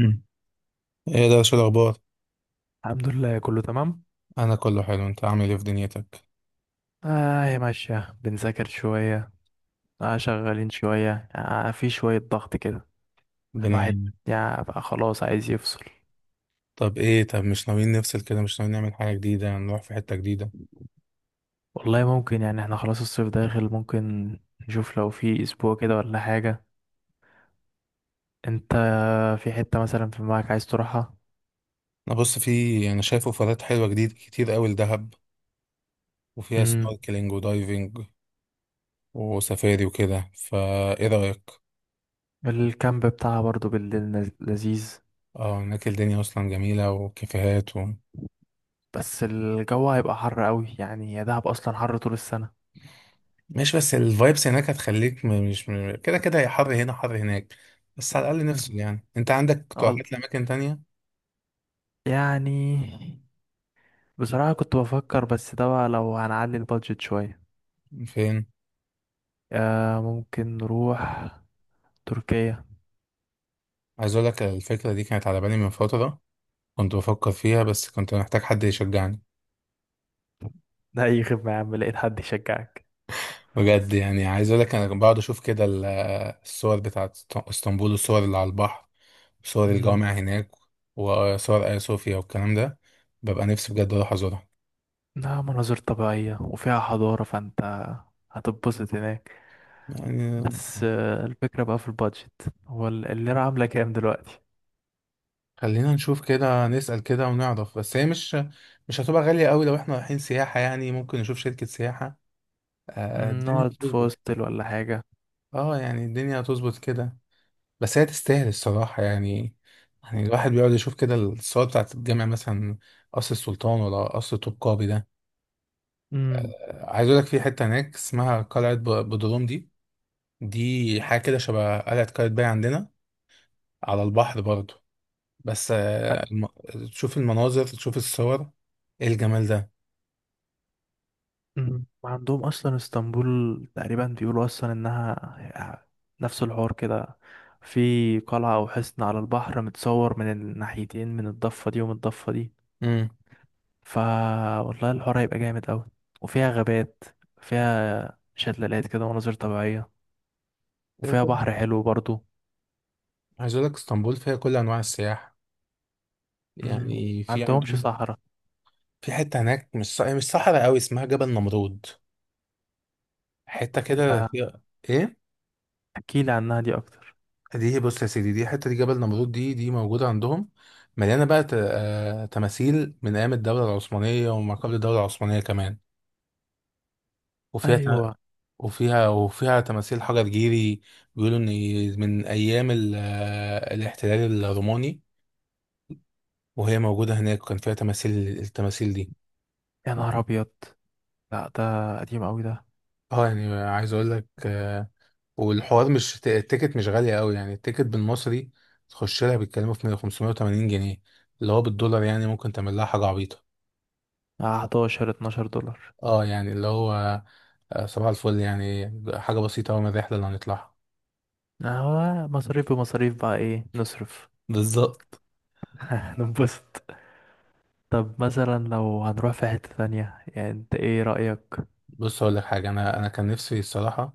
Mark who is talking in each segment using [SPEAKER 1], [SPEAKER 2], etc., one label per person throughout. [SPEAKER 1] مم. ايه ده؟ شو الاخبار؟
[SPEAKER 2] الحمد لله كله تمام.
[SPEAKER 1] انا كله حلو، انت عامل ايه في دنيتك؟
[SPEAKER 2] اه يا ماشية بنذاكر شوية. اه شغالين شوية، في شوية ضغط كده.
[SPEAKER 1] الدنيا
[SPEAKER 2] الواحد
[SPEAKER 1] عينك.
[SPEAKER 2] يعني بقى خلاص عايز يفصل.
[SPEAKER 1] طب ايه، طب مش ناويين نفصل كده؟ مش ناويين نعمل حاجه جديده، نروح في حته جديده؟
[SPEAKER 2] والله ممكن، يعني احنا خلاص الصيف داخل، ممكن نشوف لو في اسبوع كده ولا حاجة. انت في حتة مثلا في دماغك عايز تروحها؟
[SPEAKER 1] انا بص في انا شايف اوفرات حلوه جديد كتير قوي لدهب، وفيها
[SPEAKER 2] امم
[SPEAKER 1] سنوركلينج ودايفنج وسفاري وكده. فايه رايك؟
[SPEAKER 2] الكامب بتاعها برضو بالليل لذيذ.
[SPEAKER 1] اه، هناك الدنيا اصلا جميله وكافيهات
[SPEAKER 2] بس الجو هيبقى حر قوي، يعني يا دهب اصلا حر طول السنة.
[SPEAKER 1] مش بس الفايبس هناك هتخليك، م- مش م- كده كده، يا حر هنا حر هناك، بس على الاقل نفصل. يعني انت عندك
[SPEAKER 2] وال-
[SPEAKER 1] اقتراحات لاماكن تانية؟
[SPEAKER 2] يعني بصراحة كنت بفكر، بس ده بقى لو هنعلي البادجت شوية.
[SPEAKER 1] فين؟
[SPEAKER 2] ممكن نروح تركيا.
[SPEAKER 1] عايز اقول لك الفكره دي كانت على بالي من فتره، كنت بفكر فيها بس كنت محتاج حد يشجعني.
[SPEAKER 2] ده أي خدمة يا عم، لقيت حد يشجعك.
[SPEAKER 1] بجد، يعني عايز اقول لك انا بقعد اشوف كده الصور بتاعت اسطنبول، والصور اللي على البحر، وصور
[SPEAKER 2] مم،
[SPEAKER 1] الجامع هناك، وصور ايا صوفيا والكلام ده. ببقى نفسي بجد اروح ازورها.
[SPEAKER 2] لا، مناظر طبيعية وفيها حضارة، فأنت هتتبسط هناك.
[SPEAKER 1] يعني
[SPEAKER 2] بس الفكرة بقى في البادجت، هو الليرة عاملة كام دلوقتي؟
[SPEAKER 1] خلينا نشوف كده، نسأل كده ونعرف، بس هي مش هتبقى غاليه قوي لو احنا رايحين سياحه، يعني ممكن نشوف شركه سياحه. آه،
[SPEAKER 2] مم،
[SPEAKER 1] الدنيا
[SPEAKER 2] نقعد في
[SPEAKER 1] هتظبط.
[SPEAKER 2] هوستل ولا حاجة.
[SPEAKER 1] اه يعني الدنيا هتظبط كده، بس هي تستاهل الصراحة يعني. يعني الواحد بيقعد يشوف كده الصور بتاعت الجامع مثلا، قصر السلطان ولا قصر طوبقابي ده.
[SPEAKER 2] مم.
[SPEAKER 1] آه، عايز اقول لك في حتة هناك اسمها قلعة بدروم دي. دي حاجة كده شبه قلعة قايتباي عندنا، على البحر برضو. بس آه، تشوف المناظر، تشوف الصور، ايه الجمال ده.
[SPEAKER 2] مم. وعندهم اصلا اسطنبول تقريبا بيقولوا اصلا انها نفس الحوار كده، في قلعة او حصن على البحر متصور من الناحيتين، من الضفة دي ومن الضفة دي.
[SPEAKER 1] امم،
[SPEAKER 2] فا والله الحوار هيبقى جامد اوي. وفيها غابات، فيها شلالات كده ومناظر طبيعية،
[SPEAKER 1] كده
[SPEAKER 2] وفيها
[SPEAKER 1] كده
[SPEAKER 2] بحر حلو برضو.
[SPEAKER 1] عايز اقول لك اسطنبول فيها كل انواع السياحة،
[SPEAKER 2] مم.
[SPEAKER 1] يعني في
[SPEAKER 2] عندهمش
[SPEAKER 1] عندهم.
[SPEAKER 2] صحراء؟
[SPEAKER 1] في حتة هناك مش مش صحراء قوي اسمها جبل نمرود، حتة كده
[SPEAKER 2] ده
[SPEAKER 1] فيها ايه.
[SPEAKER 2] احكيلي عنها دي اكتر.
[SPEAKER 1] دي بص يا سيدي، دي حته دي جبل نمرود دي، دي موجوده عندهم، مليانه بقى تماثيل من ايام الدوله العثمانيه وما قبل الدوله العثمانيه كمان، وفيها ت-
[SPEAKER 2] ايوه.
[SPEAKER 1] وفيها وفيها تماثيل حجر جيري. بيقولوا ان من ايام الاحتلال الروماني، وهي موجوده هناك وكان فيها تماثيل، التماثيل دي.
[SPEAKER 2] يا نهار ابيض، لا ده قديم اوي ده.
[SPEAKER 1] اه يعني عايز اقول لك آه، والحوار مش التيكت مش غاليه قوي يعني. التيكت بالمصري تخش لها بيتكلموا في 580 جنيه، اللي هو بالدولار يعني ممكن تعمل لها حاجه عبيطه.
[SPEAKER 2] 11 12 دولار.
[SPEAKER 1] اه يعني اللي هو آه، صباح الفل يعني، حاجة بسيطة أوي من الرحلة اللي هنطلعها.
[SPEAKER 2] هو مصاريف بمصاريف، بقى ايه نصرف.
[SPEAKER 1] بالظبط.
[SPEAKER 2] ننبسط. طب مثلا لو هنروح في حتة ثانية يعني، انت ايه رأيك؟
[SPEAKER 1] بص أقول لك حاجة، أنا كان نفسي الصراحة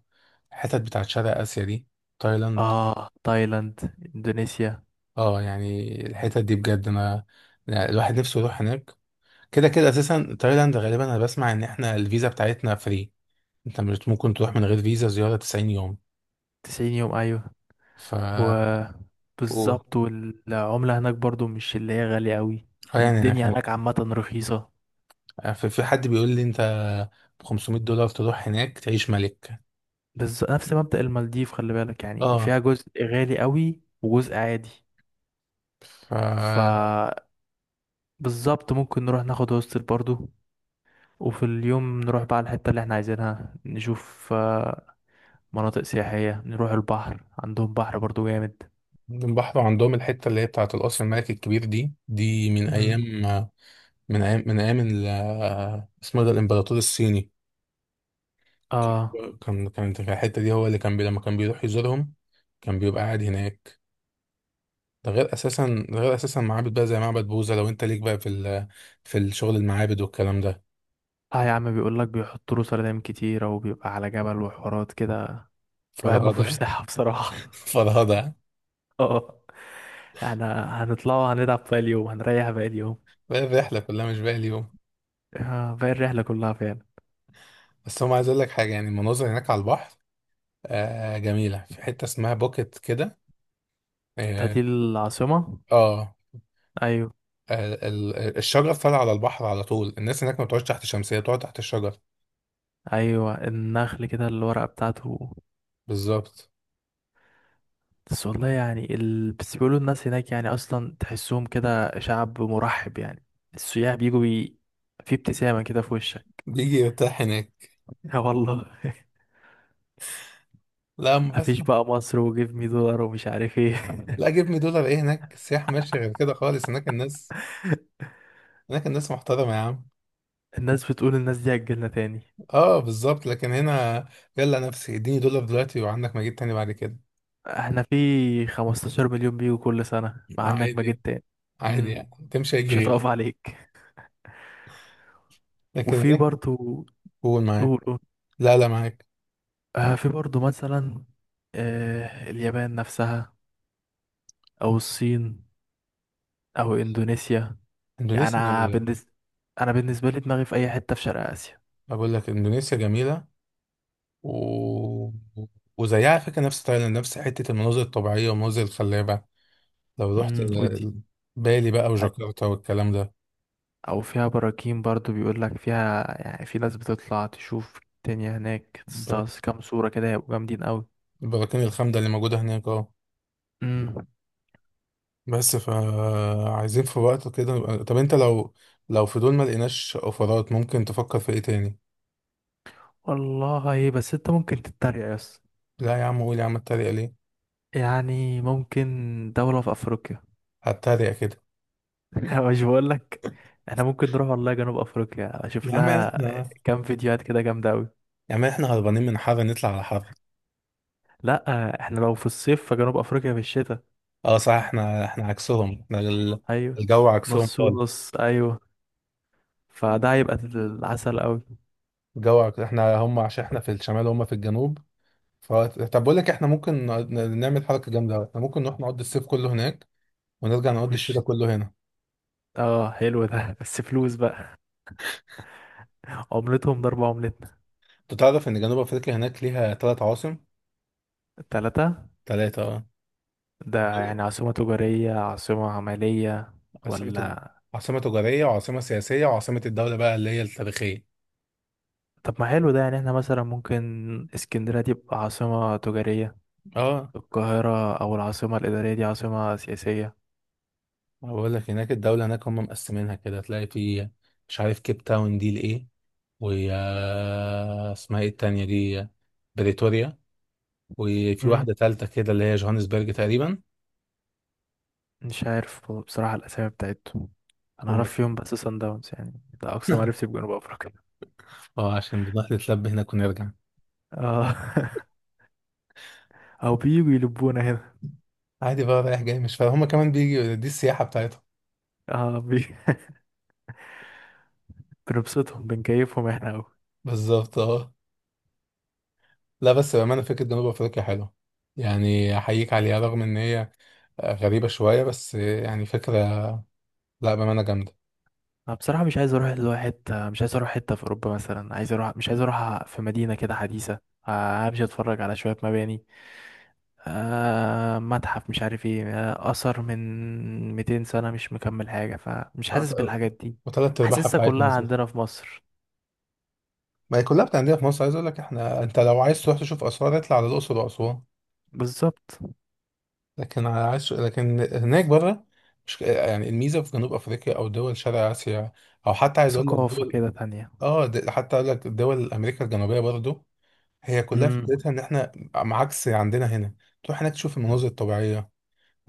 [SPEAKER 1] الحتت بتاعت شرق آسيا دي، تايلاند.
[SPEAKER 2] اه، تايلاند، اندونيسيا.
[SPEAKER 1] اه يعني الحتت دي بجد، أنا يعني الواحد نفسه يروح هناك. كده كده أساسا تايلاند غالبا أنا بسمع إن إحنا الفيزا بتاعتنا فري، أنت مش ممكن تروح من غير فيزا زيارة 90 يوم.
[SPEAKER 2] 90 يوم، ايوه.
[SPEAKER 1] ف قول.
[SPEAKER 2] وبالظبط، والعملة هناك برضو مش اللي هي غالية قوي.
[SPEAKER 1] اه يعني أنا
[SPEAKER 2] الدنيا
[SPEAKER 1] كان
[SPEAKER 2] هناك عامة رخيصة.
[SPEAKER 1] آه، في حد بيقول لي أنت ب 500 دولار تروح هناك تعيش ملك.
[SPEAKER 2] بس نفس مبدأ المالديف، خلي بالك، يعني
[SPEAKER 1] اه،
[SPEAKER 2] فيها جزء غالي قوي وجزء عادي.
[SPEAKER 1] ف
[SPEAKER 2] ف بالظبط، ممكن نروح ناخد هوستل برضو، وفي اليوم نروح بقى على الحتة اللي احنا عايزينها، نشوف مناطق سياحية، نروح البحر، عندهم بحر برضو جامد.
[SPEAKER 1] البحر عندهم الحتة اللي هي بتاعة القصر الملكي الكبير دي، دي من
[SPEAKER 2] مم.
[SPEAKER 1] أيام من أيام من أيام اسمه إيه ده، الإمبراطور الصيني.
[SPEAKER 2] اه،
[SPEAKER 1] كان في الحتة دي، هو اللي كان بي، لما كان بيروح يزورهم كان بيبقى قاعد هناك. ده غير أساسا، ده غير أساسا معابد بقى زي معبد بوذا لو أنت ليك بقى في في الشغل المعابد والكلام ده.
[SPEAKER 2] اه يا عم، بيقول لك بيحطوا له سردين كتيرة، وبيبقى على جبل وحوارات كده. الواحد ما فيهوش
[SPEAKER 1] فرهدة.
[SPEAKER 2] صحة بصراحة.
[SPEAKER 1] فرهدة.
[SPEAKER 2] اه. احنا هنطلع وهنلعب باقي اليوم، هنريح باقي اليوم.
[SPEAKER 1] بقى الرحلة كلها مش باقي اليوم.
[SPEAKER 2] باقي الرحلة كلها فعلا.
[SPEAKER 1] بس هم، عايز أقول لك حاجة، يعني المناظر هناك على البحر آه جميلة. في حتة اسمها بوكيت كده،
[SPEAKER 2] ده
[SPEAKER 1] اه،
[SPEAKER 2] دي العاصمة؟
[SPEAKER 1] آه.
[SPEAKER 2] ايوه.
[SPEAKER 1] الشجر فال على البحر على طول، الناس هناك ما بتقعدش تحت شمسية، بتقعد تحت الشجر.
[SPEAKER 2] ايوه، النخل كده الورقة بتاعته.
[SPEAKER 1] بالظبط.
[SPEAKER 2] بس والله يعني بس بيقولوا الناس هناك يعني اصلا تحسهم كده شعب مرحب يعني. السياح بيجوا. في ابتسامة كده في وشك.
[SPEAKER 1] بيجي يرتاح هناك.
[SPEAKER 2] يا والله.
[SPEAKER 1] لا أما بس.
[SPEAKER 2] مفيش بقى مصر وجيب مي دولار ومش عارف ايه.
[SPEAKER 1] لا، جيب مي دولار ايه، هناك السياح ماشي غير كده خالص، هناك الناس، هناك الناس محترمة يا عم.
[SPEAKER 2] الناس بتقول الناس دي هتجيلنا تاني.
[SPEAKER 1] اه بالظبط، لكن هنا يلا نفسي اديني دولار دلوقتي وعندك مجيب تاني بعد كده.
[SPEAKER 2] احنا في 15 مليون بيجوا كل سنة، مع انك ما
[SPEAKER 1] عادي
[SPEAKER 2] جيت
[SPEAKER 1] يعني،
[SPEAKER 2] تاني.
[SPEAKER 1] عادي
[SPEAKER 2] مم.
[SPEAKER 1] يعني تمشي هيجي
[SPEAKER 2] مش
[SPEAKER 1] غيري.
[SPEAKER 2] هتقف عليك.
[SPEAKER 1] لكن
[SPEAKER 2] وفي
[SPEAKER 1] هناك
[SPEAKER 2] برضو.
[SPEAKER 1] قول معاك.
[SPEAKER 2] قول، قول.
[SPEAKER 1] لا معاك.
[SPEAKER 2] في برضو مثلا، اليابان نفسها، او الصين، او اندونيسيا. يعني
[SPEAKER 1] اندونيسيا
[SPEAKER 2] انا
[SPEAKER 1] جميلة.
[SPEAKER 2] بالنسبه انا بالنسبه لي دماغي في اي حته في شرق اسيا.
[SPEAKER 1] بقول لك اندونيسيا جميلة، و... وزيها على فكرة، نفس تايلاند، نفس حتة المناظر الطبيعية والمناظر الخلابة. لو رحت
[SPEAKER 2] امم، ودي
[SPEAKER 1] بالي بقى وجاكرتا والكلام ده.
[SPEAKER 2] او فيها براكين برضو، بيقول لك فيها، يعني في ناس بتطلع تشوف. الدنيا هناك
[SPEAKER 1] ب-
[SPEAKER 2] تستغرق كام صوره كده هيبقوا جامدين قوي.
[SPEAKER 1] البراكين الخامدة اللي موجودة هناك، اه.
[SPEAKER 2] امم.
[SPEAKER 1] بس فعايزين في وقت كده طب انت لو، لو في دول ما لقيناش اوفرات ممكن تفكر في ايه تاني؟
[SPEAKER 2] والله بس انت ممكن تتريق يا اسطى.
[SPEAKER 1] لا يا عم قول، يا عم اتريق ليه؟
[SPEAKER 2] يعني ممكن دوله في افريقيا.
[SPEAKER 1] هتريق كده؟
[SPEAKER 2] مش بقول لك، احنا ممكن نروح والله جنوب افريقيا، اشوف
[SPEAKER 1] يا عم
[SPEAKER 2] لها
[SPEAKER 1] احنا،
[SPEAKER 2] كام فيديوهات كده جامده قوي.
[SPEAKER 1] يا عم احنا هربانين من حر نطلع على حر.
[SPEAKER 2] لا، احنا لو في الصيف فجنوب افريقيا في الشتاء.
[SPEAKER 1] اه صح، احنا عكسهم، احنا
[SPEAKER 2] ايوه،
[SPEAKER 1] الجو عكسهم
[SPEAKER 2] نص
[SPEAKER 1] خالص.
[SPEAKER 2] ونص، ايوه. فده هيبقى العسل قوي.
[SPEAKER 1] جو احنا هم، عشان احنا في الشمال وهم في الجنوب. ف... طب بقول لك احنا ممكن نعمل حركه جامده أوي. احنا ممكن نروح نقضي الصيف كله هناك، ونرجع نقضي
[SPEAKER 2] وش،
[SPEAKER 1] الشتاء كله هنا.
[SPEAKER 2] اه حلو ده. بس فلوس بقى، عملتهم ضرب عملتنا.
[SPEAKER 1] انت تعرف ان جنوب افريقيا هناك ليها ثلاث عواصم؟
[SPEAKER 2] التلاتة؟
[SPEAKER 1] ثلاثه اه.
[SPEAKER 2] ده يعني عاصمة تجارية، عاصمة عملية
[SPEAKER 1] عاصمه تج-
[SPEAKER 2] ولا؟
[SPEAKER 1] عاصمه تجاريه، وعاصمه سياسيه، وعاصمه الدوله بقى اللي هي التاريخيه.
[SPEAKER 2] طب ما حلو ده، يعني احنا مثلا ممكن اسكندرية دي تبقى عاصمة تجارية،
[SPEAKER 1] اه.
[SPEAKER 2] القاهرة أو العاصمة الإدارية دي عاصمة سياسية.
[SPEAKER 1] أنا بقول لك هناك الدوله هناك هم مقسمينها كده، تلاقي في، مش عارف، كيب تاون دي لايه، واسمها ايه التانيه دي، بريتوريا، وفي
[SPEAKER 2] مم.
[SPEAKER 1] واحدة تالتة كده اللي هي جوهانسبرج تقريبا.
[SPEAKER 2] مش عارف بصراحة الأسامي بتاعتهم. أنا
[SPEAKER 1] هم.
[SPEAKER 2] أعرف فيهم بس سان داونز، يعني ده أقصى معرفتي بجنوب أفريقيا.
[SPEAKER 1] اه عشان بنروح نتلب هناك ونرجع.
[SPEAKER 2] اه. أو بييجوا يلبونا هنا.
[SPEAKER 1] عادي بقى رايح جاي مش فاهم، هما كمان بيجي دي السياحة بتاعتهم.
[SPEAKER 2] اه، بنبسطهم بنكيفهم احنا قوي.
[SPEAKER 1] بالظبط اه. لا بس بأمانة فكرة جنوب أفريقيا حلوة، يعني أحييك عليها، رغم إن هي غريبة شوية بس يعني فكرة. لا بأمانة جامدة.
[SPEAKER 2] انا بصراحه مش عايز اروح حته في اوروبا مثلا، عايز اروح، مش عايز اروح في مدينه كده حديثه امشي اتفرج على شويه مباني، متحف مش عارف ايه، اثر من 200 سنه مش مكمل حاجه، فمش حاسس بالحاجات دي.
[SPEAKER 1] وتلات أرباعها
[SPEAKER 2] حاسسها
[SPEAKER 1] بتاعتنا
[SPEAKER 2] كلها
[SPEAKER 1] أساسا.
[SPEAKER 2] عندنا في مصر.
[SPEAKER 1] ما هي كلها بتاعتنا في مصر، عايز أقول لك إحنا، أنت لو عايز تروح تشوف آثار اطلع على الأقصر وأسوان.
[SPEAKER 2] بالظبط،
[SPEAKER 1] لكن عاش لكن هناك بره، مش يعني الميزه في جنوب افريقيا او دول شرق اسيا، او حتى عايز اقول لك
[SPEAKER 2] ثقافه
[SPEAKER 1] دول،
[SPEAKER 2] كده تانية.
[SPEAKER 1] اه حتى اقول لك دول امريكا الجنوبيه برضو، هي كلها
[SPEAKER 2] امم
[SPEAKER 1] فكرتها ان احنا عكس عندنا هنا. تروح هناك تشوف
[SPEAKER 2] امم،
[SPEAKER 1] المناظر الطبيعيه،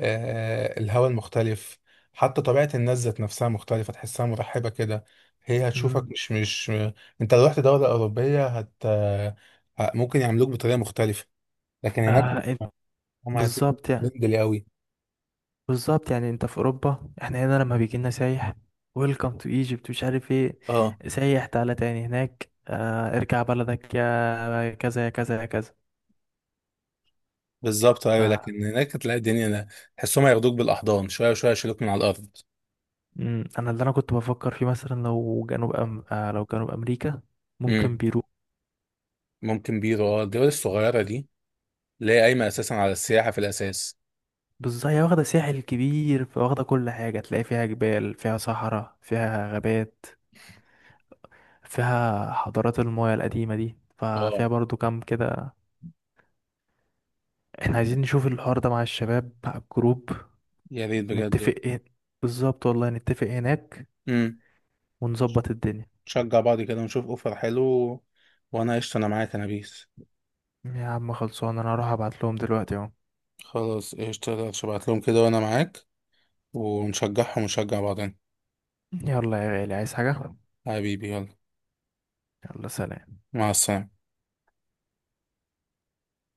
[SPEAKER 1] آه الهواء المختلف. حتى طبيعه الناس ذات نفسها مختلفه، تحسها مرحبه كده، هي
[SPEAKER 2] امم.
[SPEAKER 1] هتشوفك مش انت لو رحت دوله اوروبيه هت آه، ممكن يعاملوك بطريقه مختلفه، لكن هناك
[SPEAKER 2] آه إنت-
[SPEAKER 1] هم هتلاقيهم
[SPEAKER 2] بالظبط يعني.
[SPEAKER 1] فريندلي قوي.
[SPEAKER 2] بالظبط يعني، انت في اوروبا، احنا هنا لما بيجي لنا سايح، ويلكم تو ايجيبت مش عارف ايه،
[SPEAKER 1] اه
[SPEAKER 2] سايح تعالى تاني، هناك اه ارجع بلدك يا كذا يا كذا يا كذا.
[SPEAKER 1] بالظبط
[SPEAKER 2] ف
[SPEAKER 1] ايوه، لكن هناك تلاقي الدنيا، تحسهم هياخدوك بالاحضان، شويه شويه يشيلوك من على الارض.
[SPEAKER 2] انا اللي كنت بفكر فيه، مثلا لو جنوب أم... اه لو جنوب امريكا، ممكن
[SPEAKER 1] امم.
[SPEAKER 2] بيرو.
[SPEAKER 1] ممكن بيرو، اه الدول الصغيره دي اللي هي قايمه اساسا على السياحه في الاساس.
[SPEAKER 2] بالظبط، هي واخده ساحل كبير، فواخده كل حاجه، تلاقي فيها جبال، فيها صحراء، فيها غابات، فيها حضارات المايا القديمه دي،
[SPEAKER 1] اه
[SPEAKER 2] ففيها برضو كام كده. احنا عايزين نشوف الحوار ده مع الشباب، مع الجروب،
[SPEAKER 1] يا ريت بجد.
[SPEAKER 2] نتفق ايه. بالظبط، والله نتفق هناك
[SPEAKER 1] امم.
[SPEAKER 2] ونظبط الدنيا.
[SPEAKER 1] نشجع بعض كده ونشوف اوفر حلو، وانا قشطه، انا معاك، انا بيس.
[SPEAKER 2] يا عم خلصان، انا هروح ابعت لهم دلوقتي اهو.
[SPEAKER 1] خلاص قشطه، ابعت لهم كده وانا معاك، ونشجعهم ونشجع بعضنا.
[SPEAKER 2] يلا يا غالي، عايز حاجة؟
[SPEAKER 1] حبيبي يلا،
[SPEAKER 2] يلا، سلام.
[SPEAKER 1] مع السلامه.